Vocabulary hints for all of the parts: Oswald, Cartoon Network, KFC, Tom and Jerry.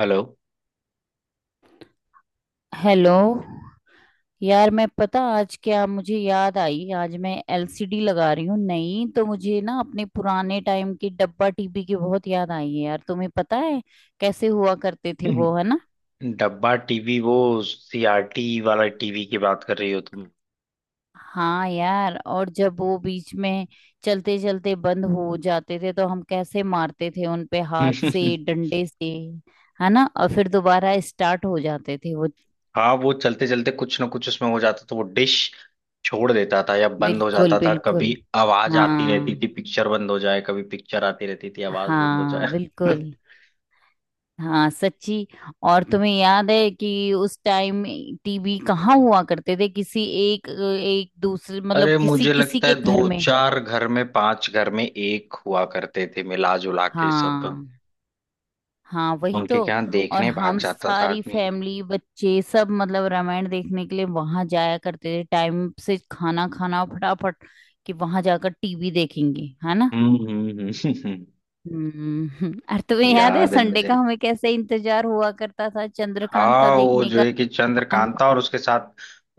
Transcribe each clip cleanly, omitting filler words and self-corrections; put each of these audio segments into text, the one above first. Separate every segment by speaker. Speaker 1: Hello.
Speaker 2: Hello. यार मैं पता आज क्या मुझे याद आई, आज मैं एलसीडी लगा रही हूँ नई, तो मुझे ना अपने पुराने टाइम की डब्बा टीवी की बहुत याद आई है। यार तुम्हें पता है कैसे हुआ करते थे वो, है ना।
Speaker 1: डब्बा टीवी, वो सीआरटी वाला टीवी की बात कर रही हो
Speaker 2: हाँ यार, और जब वो बीच में चलते चलते बंद हो जाते थे तो हम कैसे मारते थे उन पे,
Speaker 1: तुम?
Speaker 2: हाथ से, डंडे से, है ना। और फिर दोबारा स्टार्ट हो जाते थे वो।
Speaker 1: हाँ, वो चलते चलते कुछ ना कुछ उसमें हो जाता तो वो डिश छोड़ देता था या बंद हो
Speaker 2: बिल्कुल
Speaker 1: जाता था।
Speaker 2: बिल्कुल।
Speaker 1: कभी आवाज आती रहती
Speaker 2: हाँ
Speaker 1: थी पिक्चर बंद हो जाए, कभी पिक्चर आती रहती थी आवाज बंद हो
Speaker 2: हाँ
Speaker 1: जाए।
Speaker 2: बिल्कुल। हाँ सच्ची। और तुम्हें याद है कि उस टाइम टीवी कहाँ हुआ करते थे, किसी एक एक दूसरे, मतलब
Speaker 1: अरे
Speaker 2: किसी
Speaker 1: मुझे
Speaker 2: किसी
Speaker 1: लगता है
Speaker 2: के घर
Speaker 1: दो
Speaker 2: में।
Speaker 1: चार घर में, पांच घर में एक हुआ करते थे मिला जुला के सब।
Speaker 2: हाँ, हाँ वही तो।
Speaker 1: उनके क्या
Speaker 2: और
Speaker 1: देखने भाग
Speaker 2: हम
Speaker 1: जाता था
Speaker 2: सारी
Speaker 1: आदमी।
Speaker 2: फैमिली, बच्चे सब, मतलब रामायण देखने के लिए वहां जाया करते थे, टाइम से खाना खाना फटाफट कि वहां जाकर टीवी देखेंगे, है ना।
Speaker 1: हम्म, हम्म, हम्म।
Speaker 2: हम्म। और तुम्हें याद है
Speaker 1: याद है
Speaker 2: संडे
Speaker 1: मुझे।
Speaker 2: का हमें कैसे इंतजार हुआ करता था चंद्रकांता
Speaker 1: हाँ वो
Speaker 2: देखने
Speaker 1: जो
Speaker 2: का।
Speaker 1: है कि
Speaker 2: दीवान।
Speaker 1: चंद्रकांता, और उसके साथ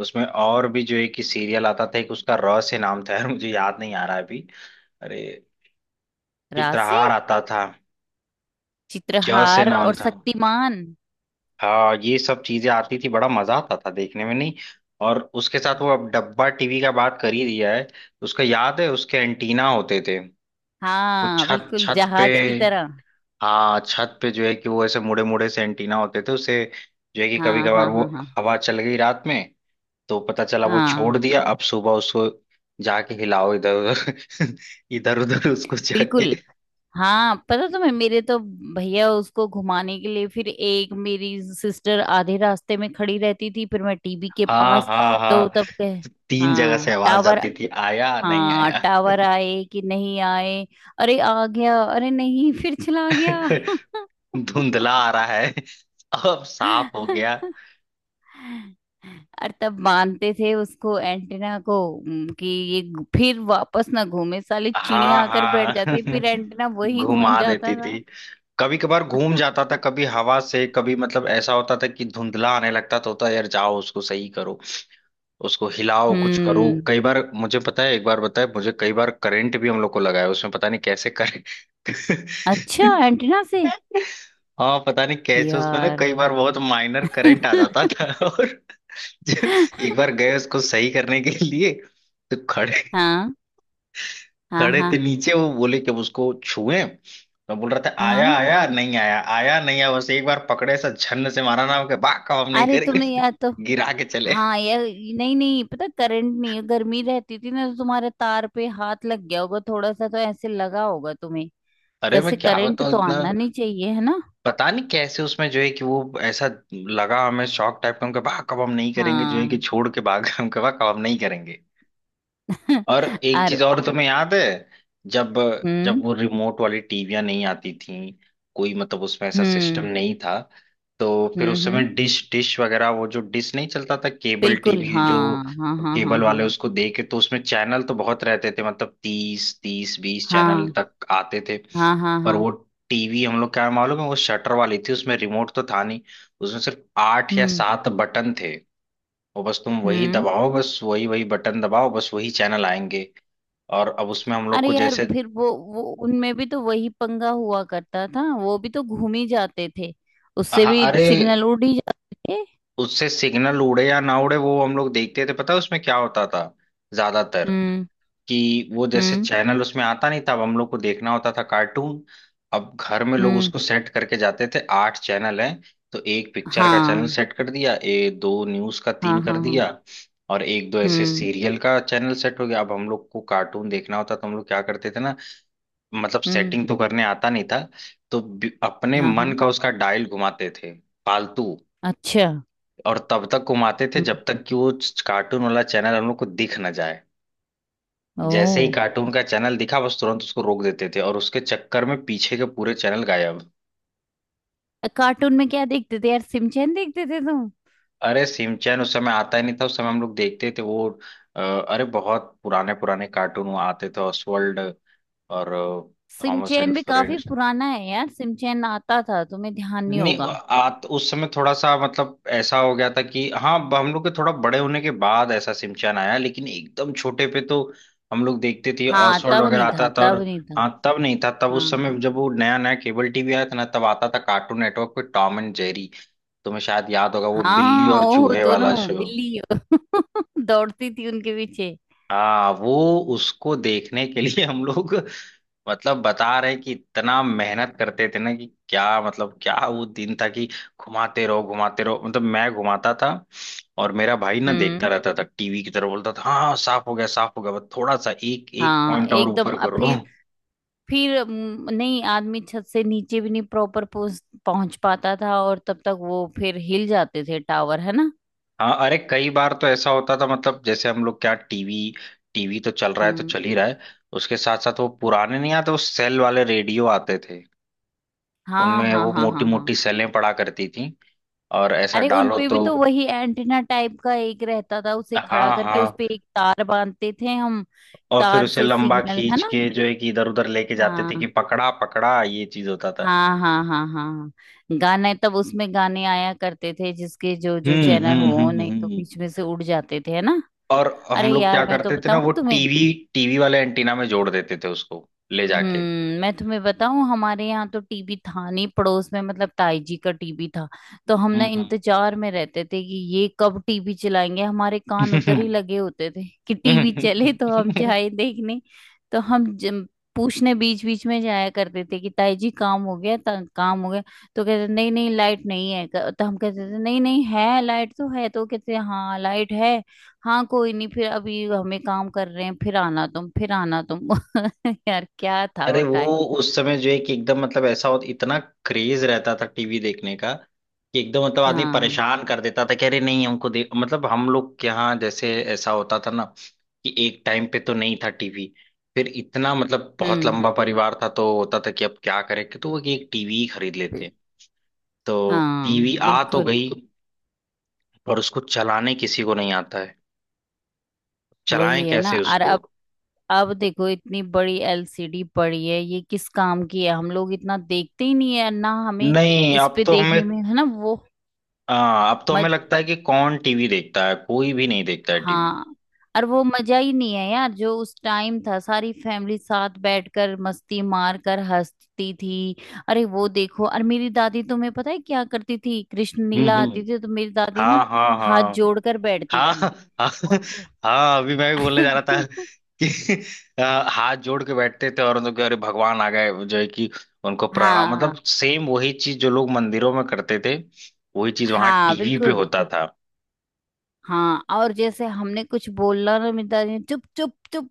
Speaker 1: उसमें और भी जो है कि सीरियल आता था एक, उसका र से नाम था यार, मुझे याद नहीं आ रहा है अभी। अरे,
Speaker 2: रात से।
Speaker 1: चित्रहार आता था। ज से
Speaker 2: चित्रहार
Speaker 1: नाम
Speaker 2: और
Speaker 1: था।
Speaker 2: शक्तिमान।
Speaker 1: हाँ ये सब चीजें आती थी, बड़ा मजा आता था देखने में नहीं? और उसके साथ वो अब डब्बा टीवी का बात कर ही दिया है, उसका याद है उसके एंटीना होते थे वो
Speaker 2: हाँ
Speaker 1: छत
Speaker 2: बिल्कुल,
Speaker 1: छत पे।
Speaker 2: जहाज की तरह।
Speaker 1: हाँ छत पे जो है कि वो ऐसे मुड़े मुड़े से एंटीना होते थे उसे, जो है कि कभी
Speaker 2: हाँ
Speaker 1: कभार
Speaker 2: हाँ
Speaker 1: वो
Speaker 2: हाँ हाँ।
Speaker 1: हवा चल गई रात में तो पता चला वो छोड़
Speaker 2: हाँ
Speaker 1: दिया, अब सुबह उसको जाके हिलाओ इधर उधर इधर उधर उसको जाके।
Speaker 2: बिल्कुल। हाँ पता, तुम्हें मेरे तो भैया उसको घुमाने के लिए, फिर एक मेरी सिस्टर आधे रास्ते में खड़ी रहती थी, फिर मैं टीवी के
Speaker 1: हाँ
Speaker 2: पास।
Speaker 1: हाँ हाँ,
Speaker 2: तो तब कह
Speaker 1: तो तीन जगह
Speaker 2: हाँ
Speaker 1: से आवाज
Speaker 2: टावर।
Speaker 1: आती थी आया नहीं
Speaker 2: हाँ
Speaker 1: आया।
Speaker 2: टावर आए कि नहीं आए। अरे आ गया, अरे नहीं फिर चला गया।
Speaker 1: धुंधला आ रहा है, अब साफ हो गया।
Speaker 2: और तब मानते थे उसको, एंटीना को, कि फिर वापस ना घूमे, साली चिड़िया
Speaker 1: हाँ
Speaker 2: आकर बैठ
Speaker 1: हाँ
Speaker 2: जाती, फिर एंटीना वही घूम
Speaker 1: घुमा
Speaker 2: जाता
Speaker 1: देती
Speaker 2: था।
Speaker 1: थी। कभी कभार घूम जाता था, कभी हवा से, कभी मतलब ऐसा होता था कि धुंधला आने लगता तो होता यार जाओ उसको सही करो, उसको हिलाओ कुछ करो।
Speaker 2: हम्म।
Speaker 1: कई बार मुझे पता है एक बार बताए मुझे, कई बार करंट भी हम लोग को लगा है उसमें, पता नहीं कैसे करे।
Speaker 2: अच्छा, एंटीना से।
Speaker 1: हाँ पता नहीं कैसे उसमें ना
Speaker 2: यार।
Speaker 1: कई बार बहुत माइनर करंट आ जाता था। और जो- एक बार गए उसको सही करने के लिए, तो खड़े
Speaker 2: हाँ हाँ
Speaker 1: खड़े थे
Speaker 2: हाँ
Speaker 1: नीचे। वो बोले कि हम उसको छुएं, मैं बोल रहा था आया
Speaker 2: हाँ।
Speaker 1: आया नहीं आया आया नहीं आया, बस एक बार पकड़े ऐसा झन्न से मारा ना के बा काम नहीं
Speaker 2: अरे
Speaker 1: करेंगे
Speaker 2: तुमने यार तो।
Speaker 1: गिरा के चले।
Speaker 2: हाँ यार, नहीं नहीं, पता करंट नहीं है, गर्मी रहती थी ना तो तुम्हारे तार पे हाथ लग गया होगा थोड़ा सा, तो ऐसे लगा होगा तुम्हें।
Speaker 1: अरे
Speaker 2: वैसे
Speaker 1: मैं क्या
Speaker 2: करंट
Speaker 1: बताऊं
Speaker 2: तो
Speaker 1: इतना,
Speaker 2: आना नहीं चाहिए, है ना।
Speaker 1: पता नहीं कैसे उसमें जो है कि वो ऐसा लगा, हमें शौक टाइप का हम कहा कब हम नहीं करेंगे जो है कि
Speaker 2: हाँ।
Speaker 1: छोड़ के भाग गए। हम कहा कब हम नहीं करेंगे। और एक
Speaker 2: और
Speaker 1: चीज और तुम्हें याद है, जब जब
Speaker 2: हम्म
Speaker 1: वो रिमोट वाली टीवियां नहीं आती थीं कोई, मतलब उसमें ऐसा सिस्टम
Speaker 2: हम्म
Speaker 1: नहीं था तो फिर
Speaker 2: हम्म।
Speaker 1: उस समय डिश डिश वगैरह वो जो डिश नहीं चलता था, केबल
Speaker 2: बिल्कुल,
Speaker 1: टीवी जो
Speaker 2: हाँ हाँ हाँ हाँ
Speaker 1: केबल
Speaker 2: हाँ
Speaker 1: वाले उसको दे के, तो उसमें चैनल तो बहुत रहते थे मतलब 30 30 20 चैनल तक आते थे।
Speaker 2: हाँ हाँ हाँ
Speaker 1: पर
Speaker 2: हाँ।
Speaker 1: वो टीवी हम लोग क्या मालूम है वो शटर वाली थी, उसमें रिमोट तो था नहीं, उसमें सिर्फ आठ या
Speaker 2: हम्म
Speaker 1: सात बटन थे और बस तुम वही
Speaker 2: हम्म।
Speaker 1: दबाओ, बस वही वही बटन दबाओ, बस वही चैनल आएंगे। और अब उसमें हम लोग
Speaker 2: अरे
Speaker 1: को
Speaker 2: यार
Speaker 1: जैसे,
Speaker 2: फिर वो उनमें भी तो वही पंगा हुआ करता था, वो भी तो घूम ही जाते थे। उससे
Speaker 1: हाँ
Speaker 2: भी
Speaker 1: अरे
Speaker 2: सिग्नल उड़ ही जाते थे।
Speaker 1: उससे सिग्नल उड़े या ना उड़े, वो हम लोग देखते थे पता है उसमें क्या होता था ज्यादातर,
Speaker 2: हम्म
Speaker 1: कि वो जैसे
Speaker 2: हम्म
Speaker 1: चैनल उसमें आता नहीं था, अब हम लोग को देखना होता था कार्टून। अब घर में लोग
Speaker 2: हम्म।
Speaker 1: उसको सेट करके जाते थे आठ चैनल हैं, तो एक पिक्चर का चैनल
Speaker 2: हाँ
Speaker 1: सेट कर दिया, ए दो न्यूज का,
Speaker 2: हाँ
Speaker 1: तीन कर
Speaker 2: हाँ हाँ।
Speaker 1: दिया और एक दो ऐसे
Speaker 2: हम्म
Speaker 1: सीरियल का चैनल सेट हो गया। अब हम लोग को कार्टून देखना होता तो हम लोग क्या करते थे ना, मतलब
Speaker 2: हम्म।
Speaker 1: सेटिंग तो करने आता नहीं था तो अपने
Speaker 2: हाँ
Speaker 1: मन
Speaker 2: हाँ।
Speaker 1: का उसका डायल घुमाते थे फालतू,
Speaker 2: अच्छा।
Speaker 1: और तब तक घुमाते थे
Speaker 2: हम्म।
Speaker 1: जब तक कि वो कार्टून वाला चैनल हम लोग को दिख ना जाए। जैसे ही
Speaker 2: ओ।
Speaker 1: कार्टून का चैनल दिखा बस तुरंत उसको रोक देते थे, और उसके चक्कर में पीछे के पूरे चैनल गायब।
Speaker 2: कार्टून में क्या देखते थे यार, सिमचैन देखते थे तुम।
Speaker 1: अरे सिमचैन उस समय आता ही नहीं था, उस समय हम लोग देखते थे वो अरे बहुत पुराने पुराने कार्टून वो आते थे, ऑसवर्ल्ड और थॉमस
Speaker 2: सिमचैन
Speaker 1: एंड
Speaker 2: भी काफी पुराना है यार, सिमचैन आता था, तुम्हें ध्यान नहीं
Speaker 1: नहीं
Speaker 2: होगा।
Speaker 1: आ, तो उस समय थोड़ा सा मतलब ऐसा हो गया था कि हाँ हम लोग के थोड़ा बड़े होने के बाद ऐसा सिमचान आया, लेकिन एकदम छोटे पे तो हम लोग देखते थे
Speaker 2: हाँ
Speaker 1: ऑसवर्ल्ड
Speaker 2: तब
Speaker 1: वगैरह
Speaker 2: नहीं था,
Speaker 1: आता था। और
Speaker 2: तब नहीं था।
Speaker 1: हाँ तब नहीं था, तब उस
Speaker 2: हाँ,
Speaker 1: समय जब वो नया नया केबल टीवी आया था ना, तब आता था कार्टून नेटवर्क पे टॉम एंड जेरी। तुम्हें शायद याद होगा वो बिल्ली
Speaker 2: हाँ
Speaker 1: और
Speaker 2: ओह
Speaker 1: चूहे
Speaker 2: दोनों।
Speaker 1: वाला शो।
Speaker 2: बिल्ली दौड़ती थी उनके पीछे।
Speaker 1: हाँ वो उसको देखने के लिए हम लोग मतलब बता रहे कि इतना मेहनत करते थे ना, कि क्या मतलब क्या वो दिन था कि घुमाते रहो घुमाते रहो, मतलब मैं घुमाता था और मेरा भाई ना देखता
Speaker 2: हम्म।
Speaker 1: रहता था टीवी की तरफ, बोलता था हाँ हाँ, साफ हो गया साफ हो गया, बस थोड़ा सा एक एक
Speaker 2: हाँ
Speaker 1: पॉइंट और
Speaker 2: एकदम।
Speaker 1: ऊपर
Speaker 2: अब
Speaker 1: करो।
Speaker 2: फिर नहीं आदमी छत से नीचे भी नहीं प्रॉपर पहुंच पहुंच पाता था, और तब तक वो फिर हिल जाते थे टावर, है ना।
Speaker 1: हाँ अरे कई बार तो ऐसा होता था मतलब जैसे हम लोग क्या टीवी, टीवी तो चल रहा है तो
Speaker 2: हम्म।
Speaker 1: चल ही रहा है, उसके साथ साथ वो पुराने नहीं आते वो सेल वाले रेडियो आते थे।
Speaker 2: हाँ
Speaker 1: उनमें
Speaker 2: हाँ
Speaker 1: वो
Speaker 2: हाँ
Speaker 1: मोटी
Speaker 2: हाँ हाँ।
Speaker 1: मोटी सेलें पड़ा करती थी और ऐसा
Speaker 2: अरे
Speaker 1: डालो
Speaker 2: उनपे भी
Speaker 1: तो।
Speaker 2: तो वही एंटीना टाइप का एक रहता था, उसे खड़ा
Speaker 1: हाँ
Speaker 2: करके
Speaker 1: हाँ
Speaker 2: उसपे एक तार बांधते थे हम।
Speaker 1: और फिर
Speaker 2: तार
Speaker 1: उसे
Speaker 2: से
Speaker 1: लंबा
Speaker 2: सिग्नल, है
Speaker 1: खींच
Speaker 2: ना।
Speaker 1: के जो है कि इधर उधर लेके जाते थे
Speaker 2: हाँ
Speaker 1: कि पकड़ा पकड़ा ये चीज होता था।
Speaker 2: हाँ हाँ हाँ हाँ हाँ। गाने, तब उसमें गाने आया करते थे जिसके जो जो
Speaker 1: हम्म,
Speaker 2: चैनल
Speaker 1: हम्म,
Speaker 2: हो,
Speaker 1: हम्म,
Speaker 2: नहीं तो
Speaker 1: हम्म।
Speaker 2: बीच में से उड़ जाते थे, है ना।
Speaker 1: और
Speaker 2: अरे
Speaker 1: हम लोग क्या
Speaker 2: यार मैं तो
Speaker 1: करते थे ना वो
Speaker 2: बताऊं तुम्हें।
Speaker 1: टीवी, टीवी वाले एंटीना में जोड़ देते थे उसको ले
Speaker 2: हम्म,
Speaker 1: जाके।
Speaker 2: मैं तुम्हें बताऊं, हमारे यहाँ तो टीवी था नहीं, पड़ोस में मतलब ताई जी का टीवी था। तो हम ना
Speaker 1: हम्म,
Speaker 2: इंतजार में रहते थे कि ये कब टीवी चलाएंगे, हमारे कान उधर ही
Speaker 1: हम्म।
Speaker 2: लगे होते थे कि टीवी चले तो हम जाए देखने। तो हम जम- पूछने बीच बीच में जाया करते थे कि ताई जी काम हो गया, काम हो गया। तो कहते नहीं नहीं, लाइट नहीं है। तो हम कहते थे नहीं नहीं है लाइट, तो है, तो कहते हाँ लाइट है। हाँ कोई नहीं, फिर अभी हमें काम कर रहे हैं, फिर आना तुम, फिर आना तुम। यार क्या था
Speaker 1: अरे
Speaker 2: वो
Speaker 1: वो
Speaker 2: टाइम।
Speaker 1: उस समय जो है कि एकदम मतलब ऐसा होता इतना क्रेज रहता था टीवी देखने का, कि एकदम मतलब आदमी
Speaker 2: हाँ।
Speaker 1: परेशान कर देता था कि अरे नहीं हमको देख, मतलब हम लोग के यहाँ जैसे ऐसा होता था ना कि एक टाइम पे तो नहीं था टीवी, फिर इतना मतलब बहुत
Speaker 2: हम्म।
Speaker 1: लंबा परिवार था तो होता था कि अब क्या करें कि तो वो एक टीवी खरीद लेते
Speaker 2: बिल-
Speaker 1: हैं तो
Speaker 2: हाँ
Speaker 1: टीवी आ तो
Speaker 2: बिल्कुल।
Speaker 1: गई, पर उसको चलाने किसी को नहीं आता है, चलाएं
Speaker 2: वही है ना।
Speaker 1: कैसे
Speaker 2: और
Speaker 1: उसको।
Speaker 2: अब अब देखो, इतनी बड़ी एलसीडी पड़ी है, ये किस काम की है, हम लोग इतना देखते ही नहीं, है ना। हमें
Speaker 1: नहीं
Speaker 2: इस
Speaker 1: अब
Speaker 2: पे
Speaker 1: तो हमें,
Speaker 2: देखने में, है ना वो।
Speaker 1: हाँ अब तो हमें
Speaker 2: मज।
Speaker 1: लगता है कि कौन टीवी देखता है, कोई भी नहीं देखता है टीवी।
Speaker 2: हाँ। और वो मजा ही नहीं है यार जो उस टाइम था, सारी फैमिली साथ बैठकर मस्ती मार कर हंसती थी। अरे वो देखो, और मेरी दादी, तुम्हें पता है क्या करती थी, कृष्ण लीला
Speaker 1: हम्म,
Speaker 2: आती थी तो मेरी दादी ना
Speaker 1: हाँ हाँ
Speaker 2: हाथ
Speaker 1: हाँ
Speaker 2: जोड़कर बैठती
Speaker 1: हाँ
Speaker 2: थी
Speaker 1: हाँ
Speaker 2: उनको।
Speaker 1: हाँ। अभी मैं भी बोलने जा रहा था कि हाथ जोड़ के बैठते थे और उनके अरे भगवान आ गए जो है कि, उनको प्रणाम, मतलब
Speaker 2: हाँ
Speaker 1: सेम वही चीज जो लोग मंदिरों में करते थे, वही चीज वहां
Speaker 2: हाँ
Speaker 1: टीवी पे
Speaker 2: बिल्कुल।
Speaker 1: होता था।
Speaker 2: हाँ, और जैसे हमने कुछ बोलना, ना मिलता नहीं, चुप चुप चुप।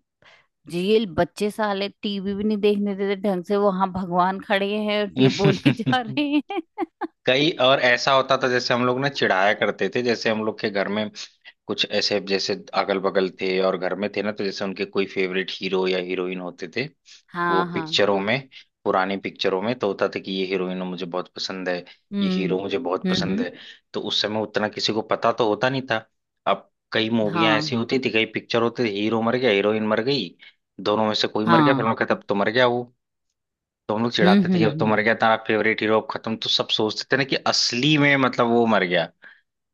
Speaker 2: जेल बच्चे साले टीवी भी नहीं देखने देते ढंग से वो, हाँ भगवान खड़े हैं और ये बोले जा रहे हैं।
Speaker 1: कई और ऐसा होता था जैसे हम लोग ना चिढ़ाया करते थे, जैसे हम लोग के घर में कुछ ऐसे जैसे अगल बगल थे और घर में थे ना, तो जैसे उनके कोई फेवरेट हीरो या हीरोइन होते थे वो
Speaker 2: हाँ हाँ।
Speaker 1: पिक्चरों में, पुरानी पिक्चरों में तो होता था कि ये हीरोइन मुझे बहुत पसंद है, ये
Speaker 2: हम्म
Speaker 1: हीरो मुझे बहुत पसंद
Speaker 2: हम्म।
Speaker 1: है। तो उस समय उतना किसी को पता तो होता नहीं था, अब कई मूवियां ऐसी
Speaker 2: हाँ
Speaker 1: होती थी कई पिक्चर होते थे हीरो मर गया हीरोइन मर गई, दोनों में से कोई मर गया फिर
Speaker 2: हाँ।
Speaker 1: हम कहते अब तो मर गया वो, तो हम लोग चिढ़ाते थे कि अब तो
Speaker 2: हम्म।
Speaker 1: मर गया तेरा फेवरेट हीरो अब खत्म, तो सब सोचते थे ना कि असली में मतलब वो मर गया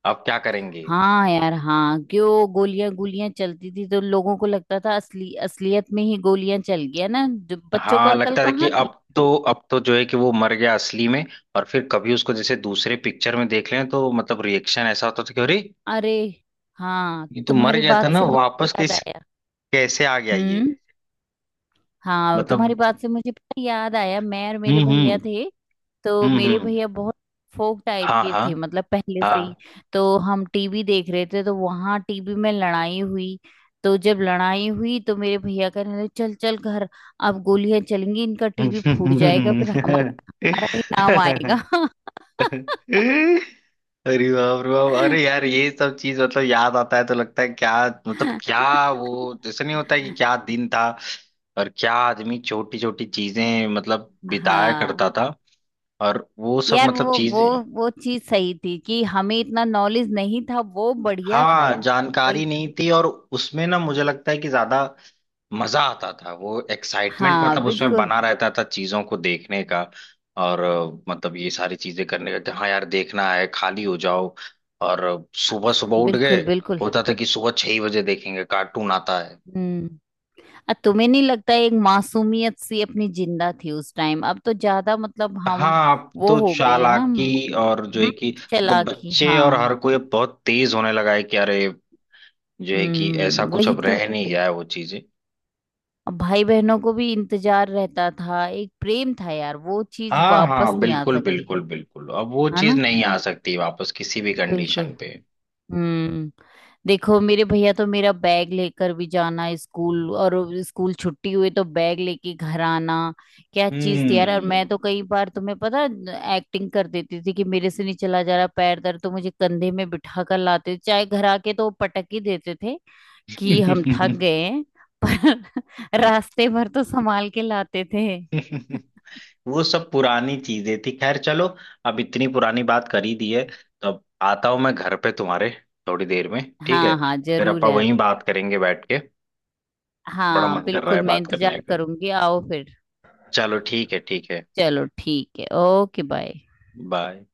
Speaker 1: अब क्या करेंगे।
Speaker 2: हाँ यार हाँ, क्यों गोलियां गोलियां चलती थी तो लोगों को लगता था असली असलियत में ही गोलियां चल गया ना, जो बच्चों को
Speaker 1: हाँ
Speaker 2: अक्ल
Speaker 1: लगता था कि
Speaker 2: कहाँ।
Speaker 1: अब तो जो है कि वो मर गया असली में, और फिर कभी उसको जैसे दूसरे पिक्चर में देख लें तो मतलब रिएक्शन ऐसा होता था कि अरे
Speaker 2: अरे। हाँ
Speaker 1: ये तो मर
Speaker 2: तुम्हारी
Speaker 1: गया था
Speaker 2: बात
Speaker 1: ना,
Speaker 2: से मुझे
Speaker 1: वापस
Speaker 2: याद
Speaker 1: किस
Speaker 2: आया।
Speaker 1: कैसे आ गया ये,
Speaker 2: हम्म। हाँ तुम्हारी
Speaker 1: मतलब।
Speaker 2: बात से मुझे पता याद आया, मैं और मेरे
Speaker 1: हम्म,
Speaker 2: भैया
Speaker 1: हम्म,
Speaker 2: थे, तो
Speaker 1: हम्म,
Speaker 2: मेरे
Speaker 1: हम्म।
Speaker 2: भैया बहुत फोक टाइप
Speaker 1: हाँ
Speaker 2: के
Speaker 1: हाँ
Speaker 2: थे मतलब पहले से ही, तो हम टीवी देख रहे थे, तो वहां टीवी में लड़ाई हुई, तो जब लड़ाई हुई तो मेरे भैया कहने लगे चल चल घर, अब गोलियां चलेंगी, इनका टीवी फूट जाएगा, फिर हमारा हमारा ही नाम आएगा।
Speaker 1: हाँ। अरे बाप रे बाप, अरे यार ये सब चीज मतलब याद आता है तो लगता है क्या, मतलब क्या वो जैसे नहीं होता है कि क्या दिन था, और क्या आदमी छोटी छोटी चीजें मतलब बिताया
Speaker 2: हाँ
Speaker 1: करता था, और वो सब
Speaker 2: यार।
Speaker 1: मतलब
Speaker 2: वो
Speaker 1: चीजें।
Speaker 2: वो चीज सही थी कि हमें इतना नॉलेज नहीं था, वो बढ़िया था
Speaker 1: हाँ
Speaker 2: यार। सही
Speaker 1: जानकारी
Speaker 2: था।
Speaker 1: नहीं थी, और उसमें ना मुझे लगता है कि ज्यादा मजा आता था, वो एक्साइटमेंट
Speaker 2: हाँ
Speaker 1: मतलब उसमें
Speaker 2: बिल्कुल
Speaker 1: बना रहता था चीजों को देखने का और मतलब ये सारी चीजें करने का कि हाँ यार देखना है खाली हो जाओ और सुबह सुबह उठ गए।
Speaker 2: बिल्कुल बिल्कुल।
Speaker 1: होता था कि सुबह 6 ही बजे देखेंगे कार्टून आता है।
Speaker 2: हम्म। तुम्हें नहीं लगता एक मासूमियत सी अपनी जिंदा थी उस टाइम, अब तो ज्यादा मतलब हम
Speaker 1: हाँ अब
Speaker 2: वो
Speaker 1: तो
Speaker 2: हो गए हैं ना।
Speaker 1: चालाकी
Speaker 2: हम्म,
Speaker 1: और जो है कि, मतलब
Speaker 2: चालाकी,
Speaker 1: बच्चे और हर
Speaker 2: हाँ।
Speaker 1: कोई अब बहुत तेज होने लगा है, कि अरे जो है कि ऐसा कुछ
Speaker 2: वही
Speaker 1: अब
Speaker 2: तो।
Speaker 1: रह नहीं गया है वो चीजें।
Speaker 2: अब भाई बहनों को भी इंतजार रहता था, एक प्रेम था यार, वो चीज
Speaker 1: हाँ
Speaker 2: वापस
Speaker 1: हाँ
Speaker 2: नहीं आ
Speaker 1: बिल्कुल
Speaker 2: सकती,
Speaker 1: बिल्कुल बिल्कुल, अब वो
Speaker 2: है
Speaker 1: चीज
Speaker 2: ना।
Speaker 1: नहीं आ सकती वापस किसी भी
Speaker 2: बिल्कुल।
Speaker 1: कंडीशन पे।
Speaker 2: हम्म। देखो मेरे भैया तो मेरा बैग लेकर भी जाना स्कूल, और स्कूल छुट्टी हुई तो बैग लेके घर आना। क्या चीज थी यार। और
Speaker 1: हम्म।
Speaker 2: मैं तो कई बार तुम्हें पता एक्टिंग कर देती थी कि मेरे से नहीं चला जा रहा, पैर दर्द, तो मुझे कंधे में बिठा कर लाते थे, चाहे घर आके तो वो पटक ही देते थे कि हम थक गए हैं, पर रास्ते भर तो संभाल के लाते थे।
Speaker 1: वो सब पुरानी चीजें थी, खैर चलो अब इतनी पुरानी बात कर ही दी है तो अब आता हूं मैं घर पे तुम्हारे, थोड़ी देर में। ठीक है,
Speaker 2: हाँ हाँ
Speaker 1: फिर
Speaker 2: जरूर
Speaker 1: अपन
Speaker 2: यार।
Speaker 1: वहीं बात करेंगे बैठ के, बड़ा
Speaker 2: हाँ
Speaker 1: मन कर रहा है
Speaker 2: बिल्कुल, मैं
Speaker 1: बात करने
Speaker 2: इंतजार
Speaker 1: का।
Speaker 2: करूंगी, आओ फिर।
Speaker 1: चलो ठीक है ठीक है,
Speaker 2: चलो ठीक है, ओके बाय।
Speaker 1: बाय।